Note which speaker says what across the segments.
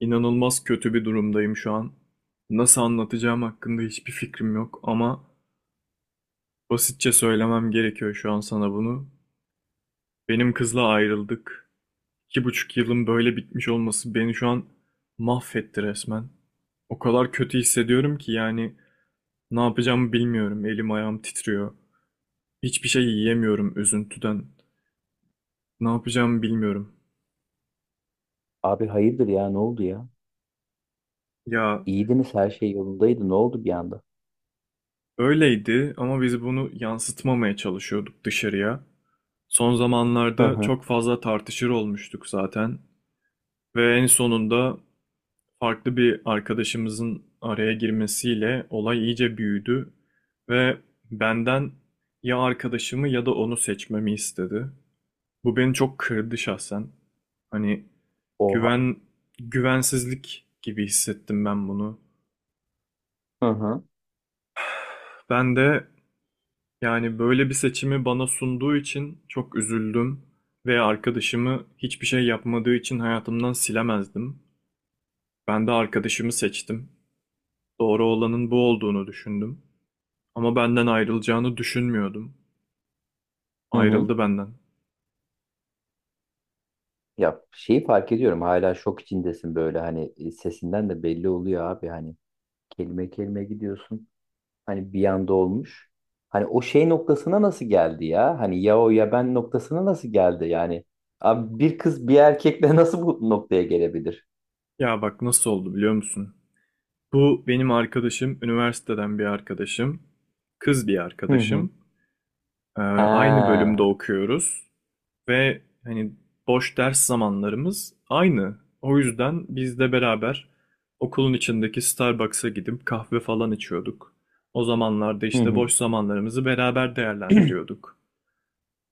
Speaker 1: İnanılmaz kötü bir durumdayım şu an. Nasıl anlatacağım hakkında hiçbir fikrim yok ama basitçe söylemem gerekiyor şu an sana bunu. Benim kızla ayrıldık. İki buçuk yılın böyle bitmiş olması beni şu an mahvetti resmen. O kadar kötü hissediyorum ki yani ne yapacağımı bilmiyorum. Elim ayağım titriyor. Hiçbir şey yiyemiyorum üzüntüden. Ne yapacağımı bilmiyorum.
Speaker 2: Abi, hayırdır ya, ne oldu ya?
Speaker 1: Ya,
Speaker 2: İyiydiniz, her şey yolundaydı, ne oldu bir anda?
Speaker 1: öyleydi ama biz bunu yansıtmamaya çalışıyorduk dışarıya. Son
Speaker 2: Hı
Speaker 1: zamanlarda
Speaker 2: hı.
Speaker 1: çok fazla tartışır olmuştuk zaten ve en sonunda farklı bir arkadaşımızın araya girmesiyle olay iyice büyüdü ve benden ya arkadaşımı ya da onu seçmemi istedi. Bu beni çok kırdı şahsen. Hani
Speaker 2: Oha.
Speaker 1: güven güvensizlik gibi hissettim ben bunu.
Speaker 2: Hı hı.
Speaker 1: Ben de Yani böyle bir seçimi bana sunduğu için çok üzüldüm ve arkadaşımı hiçbir şey yapmadığı için hayatımdan silemezdim. Ben de arkadaşımı seçtim. Doğru olanın bu olduğunu düşündüm. Ama benden ayrılacağını düşünmüyordum.
Speaker 2: Hı hı.
Speaker 1: Ayrıldı benden.
Speaker 2: Ya şeyi fark ediyorum, hala şok içindesin böyle, hani sesinden de belli oluyor abi, hani kelime kelime gidiyorsun. Hani bir anda olmuş. Hani o şey noktasına nasıl geldi ya? Hani ya o ya ben noktasına nasıl geldi yani? Abi, bir kız bir erkekle nasıl bu noktaya gelebilir?
Speaker 1: Ya bak nasıl oldu biliyor musun? Bu benim arkadaşım, üniversiteden bir arkadaşım, kız bir
Speaker 2: Hı hı.
Speaker 1: arkadaşım. Ee, aynı bölümde
Speaker 2: Ha.
Speaker 1: okuyoruz. Ve hani boş ders zamanlarımız aynı. O yüzden biz de beraber okulun içindeki Starbucks'a gidip kahve falan içiyorduk. O zamanlarda
Speaker 2: Hı
Speaker 1: işte
Speaker 2: hı.
Speaker 1: boş zamanlarımızı beraber değerlendiriyorduk.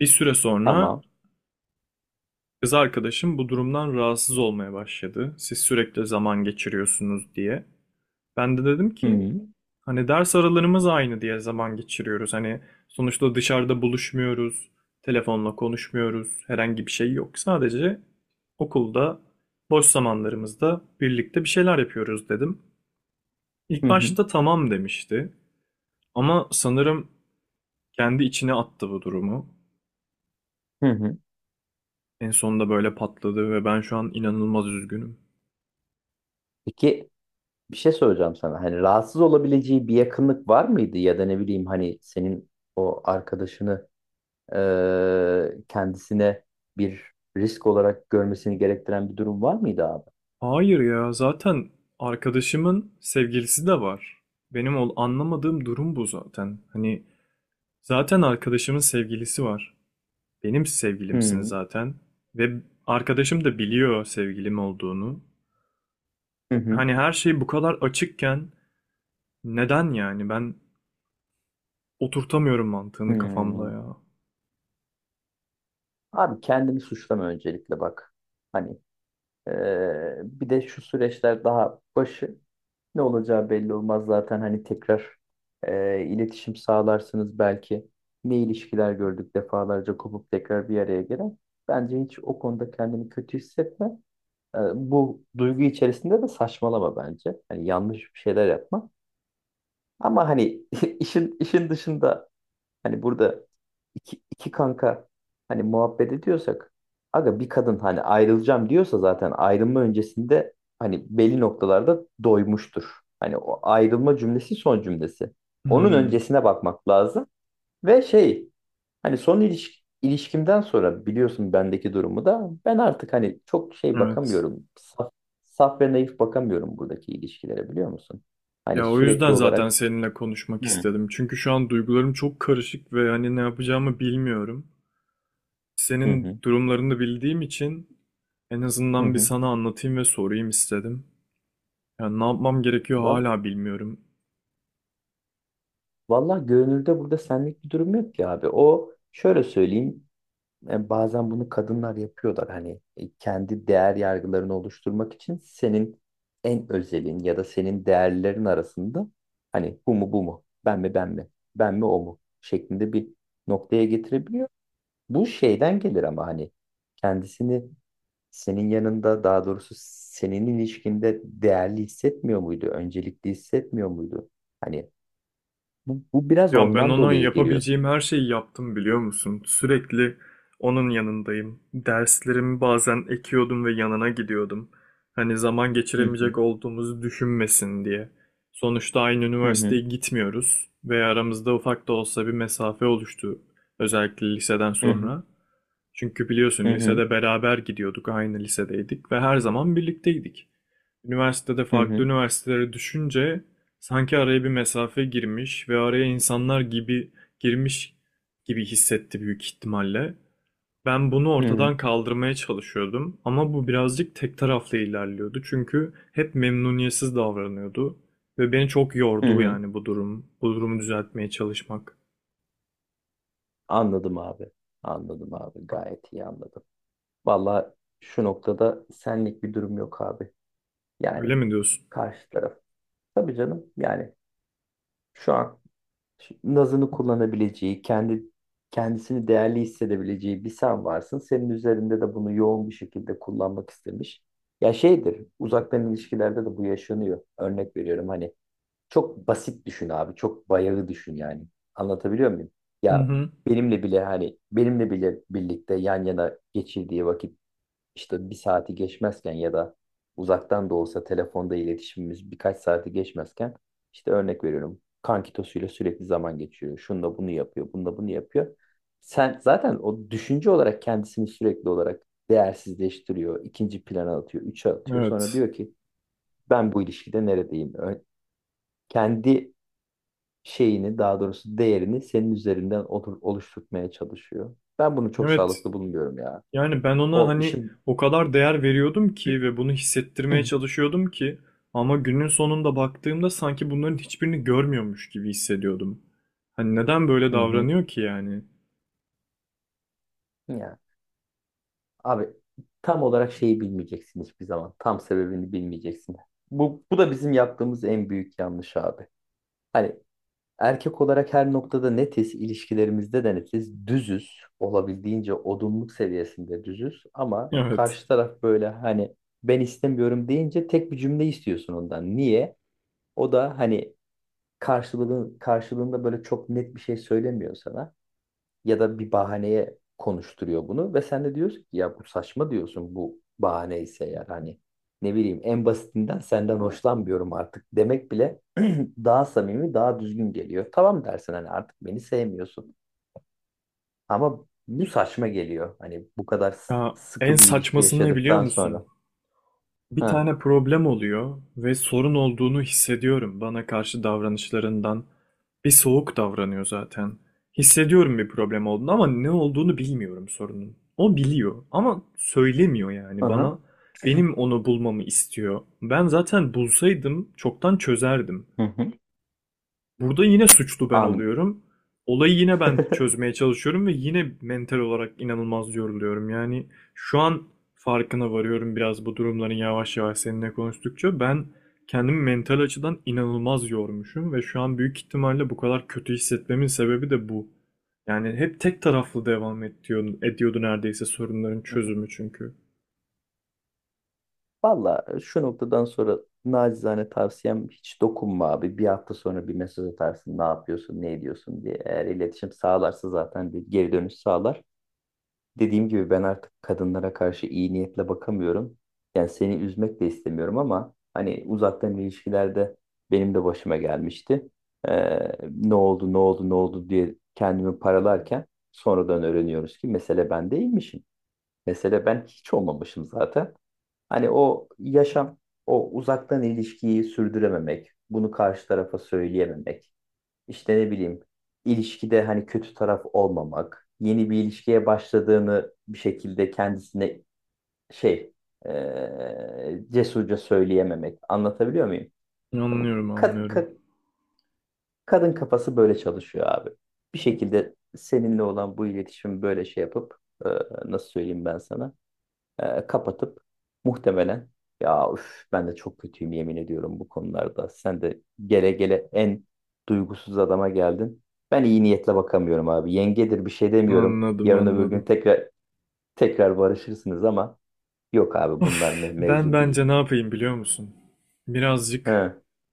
Speaker 1: Bir süre sonra
Speaker 2: Tamam.
Speaker 1: kız arkadaşım bu durumdan rahatsız olmaya başladı. Siz sürekli zaman geçiriyorsunuz diye. Ben de dedim
Speaker 2: Hı
Speaker 1: ki
Speaker 2: hı.
Speaker 1: hani ders aralarımız aynı diye zaman geçiriyoruz. Hani sonuçta dışarıda buluşmuyoruz, telefonla konuşmuyoruz, herhangi bir şey yok. Sadece okulda boş zamanlarımızda birlikte bir şeyler yapıyoruz dedim. İlk
Speaker 2: Hı hı.
Speaker 1: başta tamam demişti ama sanırım kendi içine attı bu durumu.
Speaker 2: Hı hı.
Speaker 1: En sonunda böyle patladı ve ben şu an inanılmaz üzgünüm.
Speaker 2: Peki, bir şey söyleyeceğim sana. Hani rahatsız olabileceği bir yakınlık var mıydı, ya da ne bileyim, hani senin o arkadaşını kendisine bir risk olarak görmesini gerektiren bir durum var mıydı abi?
Speaker 1: Hayır ya, zaten arkadaşımın sevgilisi de var. Benim ol anlamadığım durum bu zaten. Hani zaten arkadaşımın sevgilisi var. Benim sevgilimsin
Speaker 2: Hmm.
Speaker 1: zaten. Ve arkadaşım da biliyor sevgilim olduğunu.
Speaker 2: Hı hı.
Speaker 1: Hani her şey bu kadar açıkken neden yani? Ben oturtamıyorum mantığını kafamda
Speaker 2: Hmm.
Speaker 1: ya.
Speaker 2: Abi, kendini suçlama öncelikle, bak. Hani bir de şu süreçler daha başı. Ne olacağı belli olmaz zaten, hani tekrar iletişim sağlarsınız belki. Ne ilişkiler gördük defalarca kopup tekrar bir araya gelen. Bence hiç o konuda kendini kötü hissetme. Bu duygu içerisinde de saçmalama bence. Hani yanlış bir şeyler yapma. Ama hani işin dışında. Hani burada iki kanka hani muhabbet ediyorsak, aga, bir kadın hani ayrılacağım diyorsa, zaten ayrılma öncesinde hani belli noktalarda doymuştur. Hani o ayrılma cümlesi son cümlesi. Onun
Speaker 1: Hmm,
Speaker 2: öncesine bakmak lazım. Ve şey, hani son ilişkimden sonra biliyorsun, bendeki durumu da ben artık hani çok şey
Speaker 1: evet.
Speaker 2: bakamıyorum. Saf ve naif bakamıyorum buradaki ilişkilere, biliyor musun? Hani
Speaker 1: Ya o
Speaker 2: sürekli
Speaker 1: yüzden zaten
Speaker 2: olarak.
Speaker 1: seninle konuşmak
Speaker 2: Hı.
Speaker 1: istedim. Çünkü şu an duygularım çok karışık ve hani ne yapacağımı bilmiyorum.
Speaker 2: Hı
Speaker 1: Senin
Speaker 2: hı,
Speaker 1: durumlarını bildiğim için en azından bir
Speaker 2: hı.
Speaker 1: sana anlatayım ve sorayım istedim. Yani ne yapmam gerekiyor
Speaker 2: Vallahi
Speaker 1: hala bilmiyorum.
Speaker 2: Vallahi görünürde burada senlik bir durum yok ki abi. O şöyle söyleyeyim. Bazen bunu kadınlar yapıyorlar. Hani kendi değer yargılarını oluşturmak için senin en özelin ya da senin değerlerin arasında, hani bu mu bu mu? Ben mi ben mi? Ben mi o mu şeklinde bir noktaya getirebiliyor. Bu şeyden gelir ama hani kendisini senin yanında, daha doğrusu senin ilişkinde değerli hissetmiyor muydu? Öncelikli hissetmiyor muydu? Hani bu biraz
Speaker 1: Ya ben
Speaker 2: ondan
Speaker 1: ona
Speaker 2: dolayı geliyorsun.
Speaker 1: yapabileceğim her şeyi yaptım biliyor musun? Sürekli onun yanındayım. Derslerimi bazen ekiyordum ve yanına gidiyordum. Hani zaman
Speaker 2: Hı hı.
Speaker 1: geçiremeyecek olduğumuzu düşünmesin diye. Sonuçta aynı
Speaker 2: Hı hı.
Speaker 1: üniversiteye gitmiyoruz ve aramızda ufak da olsa bir mesafe oluştu. Özellikle liseden
Speaker 2: Hı hı.
Speaker 1: sonra. Çünkü
Speaker 2: Hı
Speaker 1: biliyorsun
Speaker 2: hı.
Speaker 1: lisede beraber gidiyorduk, aynı lisedeydik ve her zaman birlikteydik. Üniversitede
Speaker 2: Hı
Speaker 1: farklı
Speaker 2: hı.
Speaker 1: üniversitelere düşünce sanki araya bir mesafe girmiş ve araya insanlar gibi girmiş gibi hissetti büyük ihtimalle. Ben bunu
Speaker 2: Hı hı.
Speaker 1: ortadan kaldırmaya çalışıyordum ama bu birazcık tek taraflı ilerliyordu çünkü hep memnuniyetsiz davranıyordu ve beni çok
Speaker 2: Hı
Speaker 1: yordu
Speaker 2: hı.
Speaker 1: yani bu durumu düzeltmeye çalışmak.
Speaker 2: Anladım abi. Anladım abi, gayet iyi anladım. Valla şu noktada senlik bir durum yok abi.
Speaker 1: Öyle
Speaker 2: Yani
Speaker 1: mi diyorsun?
Speaker 2: karşı taraf. Tabii canım. Yani şu an nazını kullanabileceği, kendi kendisini değerli hissedebileceği bir sen varsın. Senin üzerinde de bunu yoğun bir şekilde kullanmak istemiş. Ya şeydir, uzaktan ilişkilerde de bu yaşanıyor. Örnek veriyorum hani. Çok basit düşün abi. Çok bayağı düşün yani. Anlatabiliyor muyum?
Speaker 1: Hı
Speaker 2: Ya,
Speaker 1: hı.
Speaker 2: benimle bile hani benimle bile birlikte yan yana geçirdiği vakit işte bir saati geçmezken, ya da uzaktan da olsa telefonda iletişimimiz birkaç saati geçmezken, işte örnek veriyorum. Kankitosuyla sürekli zaman geçiriyor. Şununla bunu yapıyor. Bununla bunu yapıyor. Sen zaten o düşünce olarak kendisini sürekli olarak değersizleştiriyor, ikinci plana atıyor, üçe atıyor. Sonra
Speaker 1: Evet.
Speaker 2: diyor ki ben bu ilişkide neredeyim? Kendi şeyini, daha doğrusu değerini senin üzerinden oluşturmaya çalışıyor. Ben bunu çok
Speaker 1: Evet.
Speaker 2: sağlıklı bulmuyorum ya.
Speaker 1: Yani ben ona
Speaker 2: O
Speaker 1: hani
Speaker 2: işin.
Speaker 1: o kadar değer veriyordum ki ve bunu hissettirmeye çalışıyordum ki ama günün sonunda baktığımda sanki bunların hiçbirini görmüyormuş gibi hissediyordum. Hani neden böyle
Speaker 2: Hı hı.
Speaker 1: davranıyor ki yani?
Speaker 2: Ya abi, tam olarak şeyi bilmeyeceksin hiçbir zaman. Tam sebebini bilmeyeceksin. Bu da bizim yaptığımız en büyük yanlış abi. Hani erkek olarak her noktada netiz, ilişkilerimizde de netiz, düzüz, olabildiğince odunluk seviyesinde düzüz, ama
Speaker 1: Evet.
Speaker 2: karşı taraf böyle hani ben istemiyorum deyince tek bir cümle istiyorsun ondan. Niye? O da hani karşılığında böyle çok net bir şey söylemiyor sana, ya da bir bahaneye konuşturuyor bunu, ve sen de diyorsun ki ya bu saçma, diyorsun bu bahane ise, yani hani ne bileyim en basitinden senden hoşlanmıyorum artık demek bile daha samimi, daha düzgün geliyor. Tamam dersin, hani artık beni sevmiyorsun, ama bu saçma geliyor hani bu kadar
Speaker 1: Ya en
Speaker 2: sıkı bir ilişki
Speaker 1: saçmasını ne biliyor
Speaker 2: yaşadıktan
Speaker 1: musun?
Speaker 2: sonra.
Speaker 1: Bir
Speaker 2: Ha.
Speaker 1: tane problem oluyor ve sorun olduğunu hissediyorum. Bana karşı davranışlarından bir soğuk davranıyor zaten. Hissediyorum bir problem olduğunu ama ne olduğunu bilmiyorum sorunun. O biliyor ama söylemiyor yani
Speaker 2: Aha.
Speaker 1: bana. Benim onu bulmamı istiyor. Ben zaten bulsaydım çoktan çözerdim.
Speaker 2: Hı hı.
Speaker 1: Burada yine suçlu ben
Speaker 2: An.
Speaker 1: oluyorum. Olayı yine ben çözmeye çalışıyorum ve yine mental olarak inanılmaz yoruluyorum. Yani şu an farkına varıyorum biraz bu durumların yavaş yavaş seninle konuştukça. Ben kendimi mental açıdan inanılmaz yormuşum ve şu an büyük ihtimalle bu kadar kötü hissetmemin sebebi de bu. Yani hep tek taraflı devam ediyordu, ediyordu neredeyse sorunların çözümü çünkü.
Speaker 2: Valla şu noktadan sonra nacizane tavsiyem, hiç dokunma abi. Bir hafta sonra bir mesaj atarsın, ne yapıyorsun ne ediyorsun diye. Eğer iletişim sağlarsa zaten bir geri dönüş sağlar. Dediğim gibi, ben artık kadınlara karşı iyi niyetle bakamıyorum. Yani seni üzmek de istemiyorum ama hani, uzaktan ilişkilerde benim de başıma gelmişti. Ne oldu ne oldu ne oldu diye kendimi paralarken, sonradan öğreniyoruz ki mesele ben değilmişim. Mesele ben hiç olmamışım zaten. Hani o yaşam, o uzaktan ilişkiyi sürdürememek, bunu karşı tarafa söyleyememek, işte ne bileyim, ilişkide hani kötü taraf olmamak, yeni bir ilişkiye başladığını bir şekilde kendisine şey cesurca söyleyememek. Anlatabiliyor muyum? Bu
Speaker 1: Anlıyorum, anlıyorum.
Speaker 2: kadın kafası böyle çalışıyor abi. Bir şekilde seninle olan bu iletişim böyle şey yapıp eee, nasıl söyleyeyim ben sana? Kapatıp muhtemelen, ya üf, ben de çok kötüyüm, yemin ediyorum bu konularda. Sen de gele gele en duygusuz adama geldin. Ben iyi niyetle bakamıyorum abi. Yengedir bir şey demiyorum.
Speaker 1: Anladım,
Speaker 2: Yarın öbür gün
Speaker 1: anladım.
Speaker 2: tekrar tekrar barışırsınız, ama yok abi, bunlar
Speaker 1: Of, ben
Speaker 2: mevzu değil.
Speaker 1: bence ne yapayım biliyor musun? Birazcık
Speaker 2: He.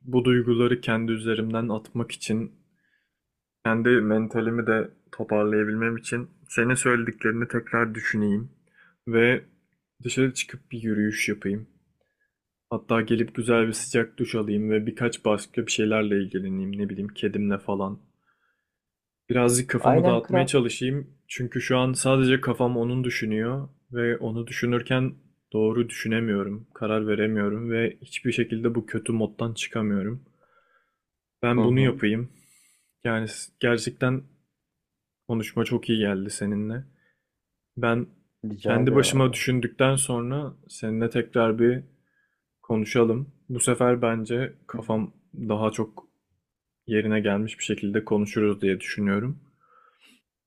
Speaker 1: Bu duyguları kendi üzerimden atmak için, kendi mentalimi de toparlayabilmem için senin söylediklerini tekrar düşüneyim ve dışarı çıkıp bir yürüyüş yapayım. Hatta gelip güzel bir sıcak duş alayım ve birkaç başka bir şeylerle ilgileneyim, ne bileyim kedimle falan. Birazcık kafamı
Speaker 2: Aynen
Speaker 1: dağıtmaya
Speaker 2: kral.
Speaker 1: çalışayım çünkü şu an sadece kafam onun düşünüyor ve onu düşünürken doğru düşünemiyorum, karar veremiyorum ve hiçbir şekilde bu kötü moddan çıkamıyorum.
Speaker 2: Hı
Speaker 1: Ben bunu
Speaker 2: hı.
Speaker 1: yapayım. Gerçekten konuşma çok iyi geldi seninle. Ben
Speaker 2: Rica
Speaker 1: kendi
Speaker 2: ederim
Speaker 1: başıma
Speaker 2: abi.
Speaker 1: düşündükten sonra seninle tekrar bir konuşalım. Bu sefer bence
Speaker 2: Hı hı.
Speaker 1: kafam daha çok yerine gelmiş bir şekilde konuşuruz diye düşünüyorum.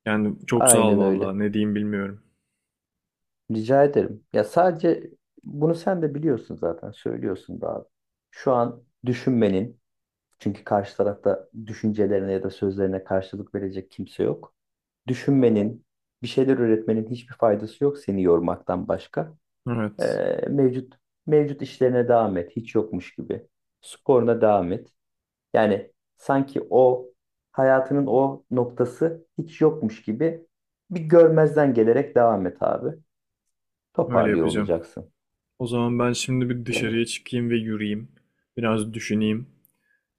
Speaker 1: Yani çok sağ ol
Speaker 2: Aynen öyle.
Speaker 1: vallahi ne diyeyim bilmiyorum.
Speaker 2: Rica ederim. Ya sadece bunu sen de biliyorsun zaten, söylüyorsun da abi. Şu an düşünmenin. Çünkü karşı tarafta düşüncelerine ya da sözlerine karşılık verecek kimse yok. Düşünmenin, bir şeyler üretmenin hiçbir faydası yok seni yormaktan başka. Ee,
Speaker 1: Evet,
Speaker 2: mevcut mevcut işlerine devam et, hiç yokmuş gibi. Sporuna devam et. Yani sanki o hayatının o noktası hiç yokmuş gibi bir görmezden gelerek devam et abi.
Speaker 1: öyle
Speaker 2: Toparlıyor
Speaker 1: yapacağım.
Speaker 2: olacaksın
Speaker 1: O zaman ben şimdi bir
Speaker 2: beni.
Speaker 1: dışarıya çıkayım ve yürüyeyim. Biraz düşüneyim.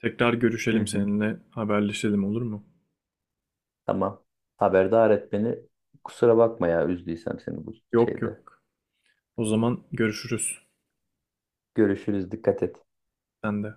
Speaker 1: Tekrar
Speaker 2: Hı
Speaker 1: görüşelim
Speaker 2: hı.
Speaker 1: seninle, haberleşelim olur mu?
Speaker 2: Tamam. Haberdar et beni. Kusura bakma ya, üzdüysem seni bu
Speaker 1: Yok
Speaker 2: şeyde.
Speaker 1: yok. O zaman görüşürüz.
Speaker 2: Görüşürüz. Dikkat et.
Speaker 1: Sen de.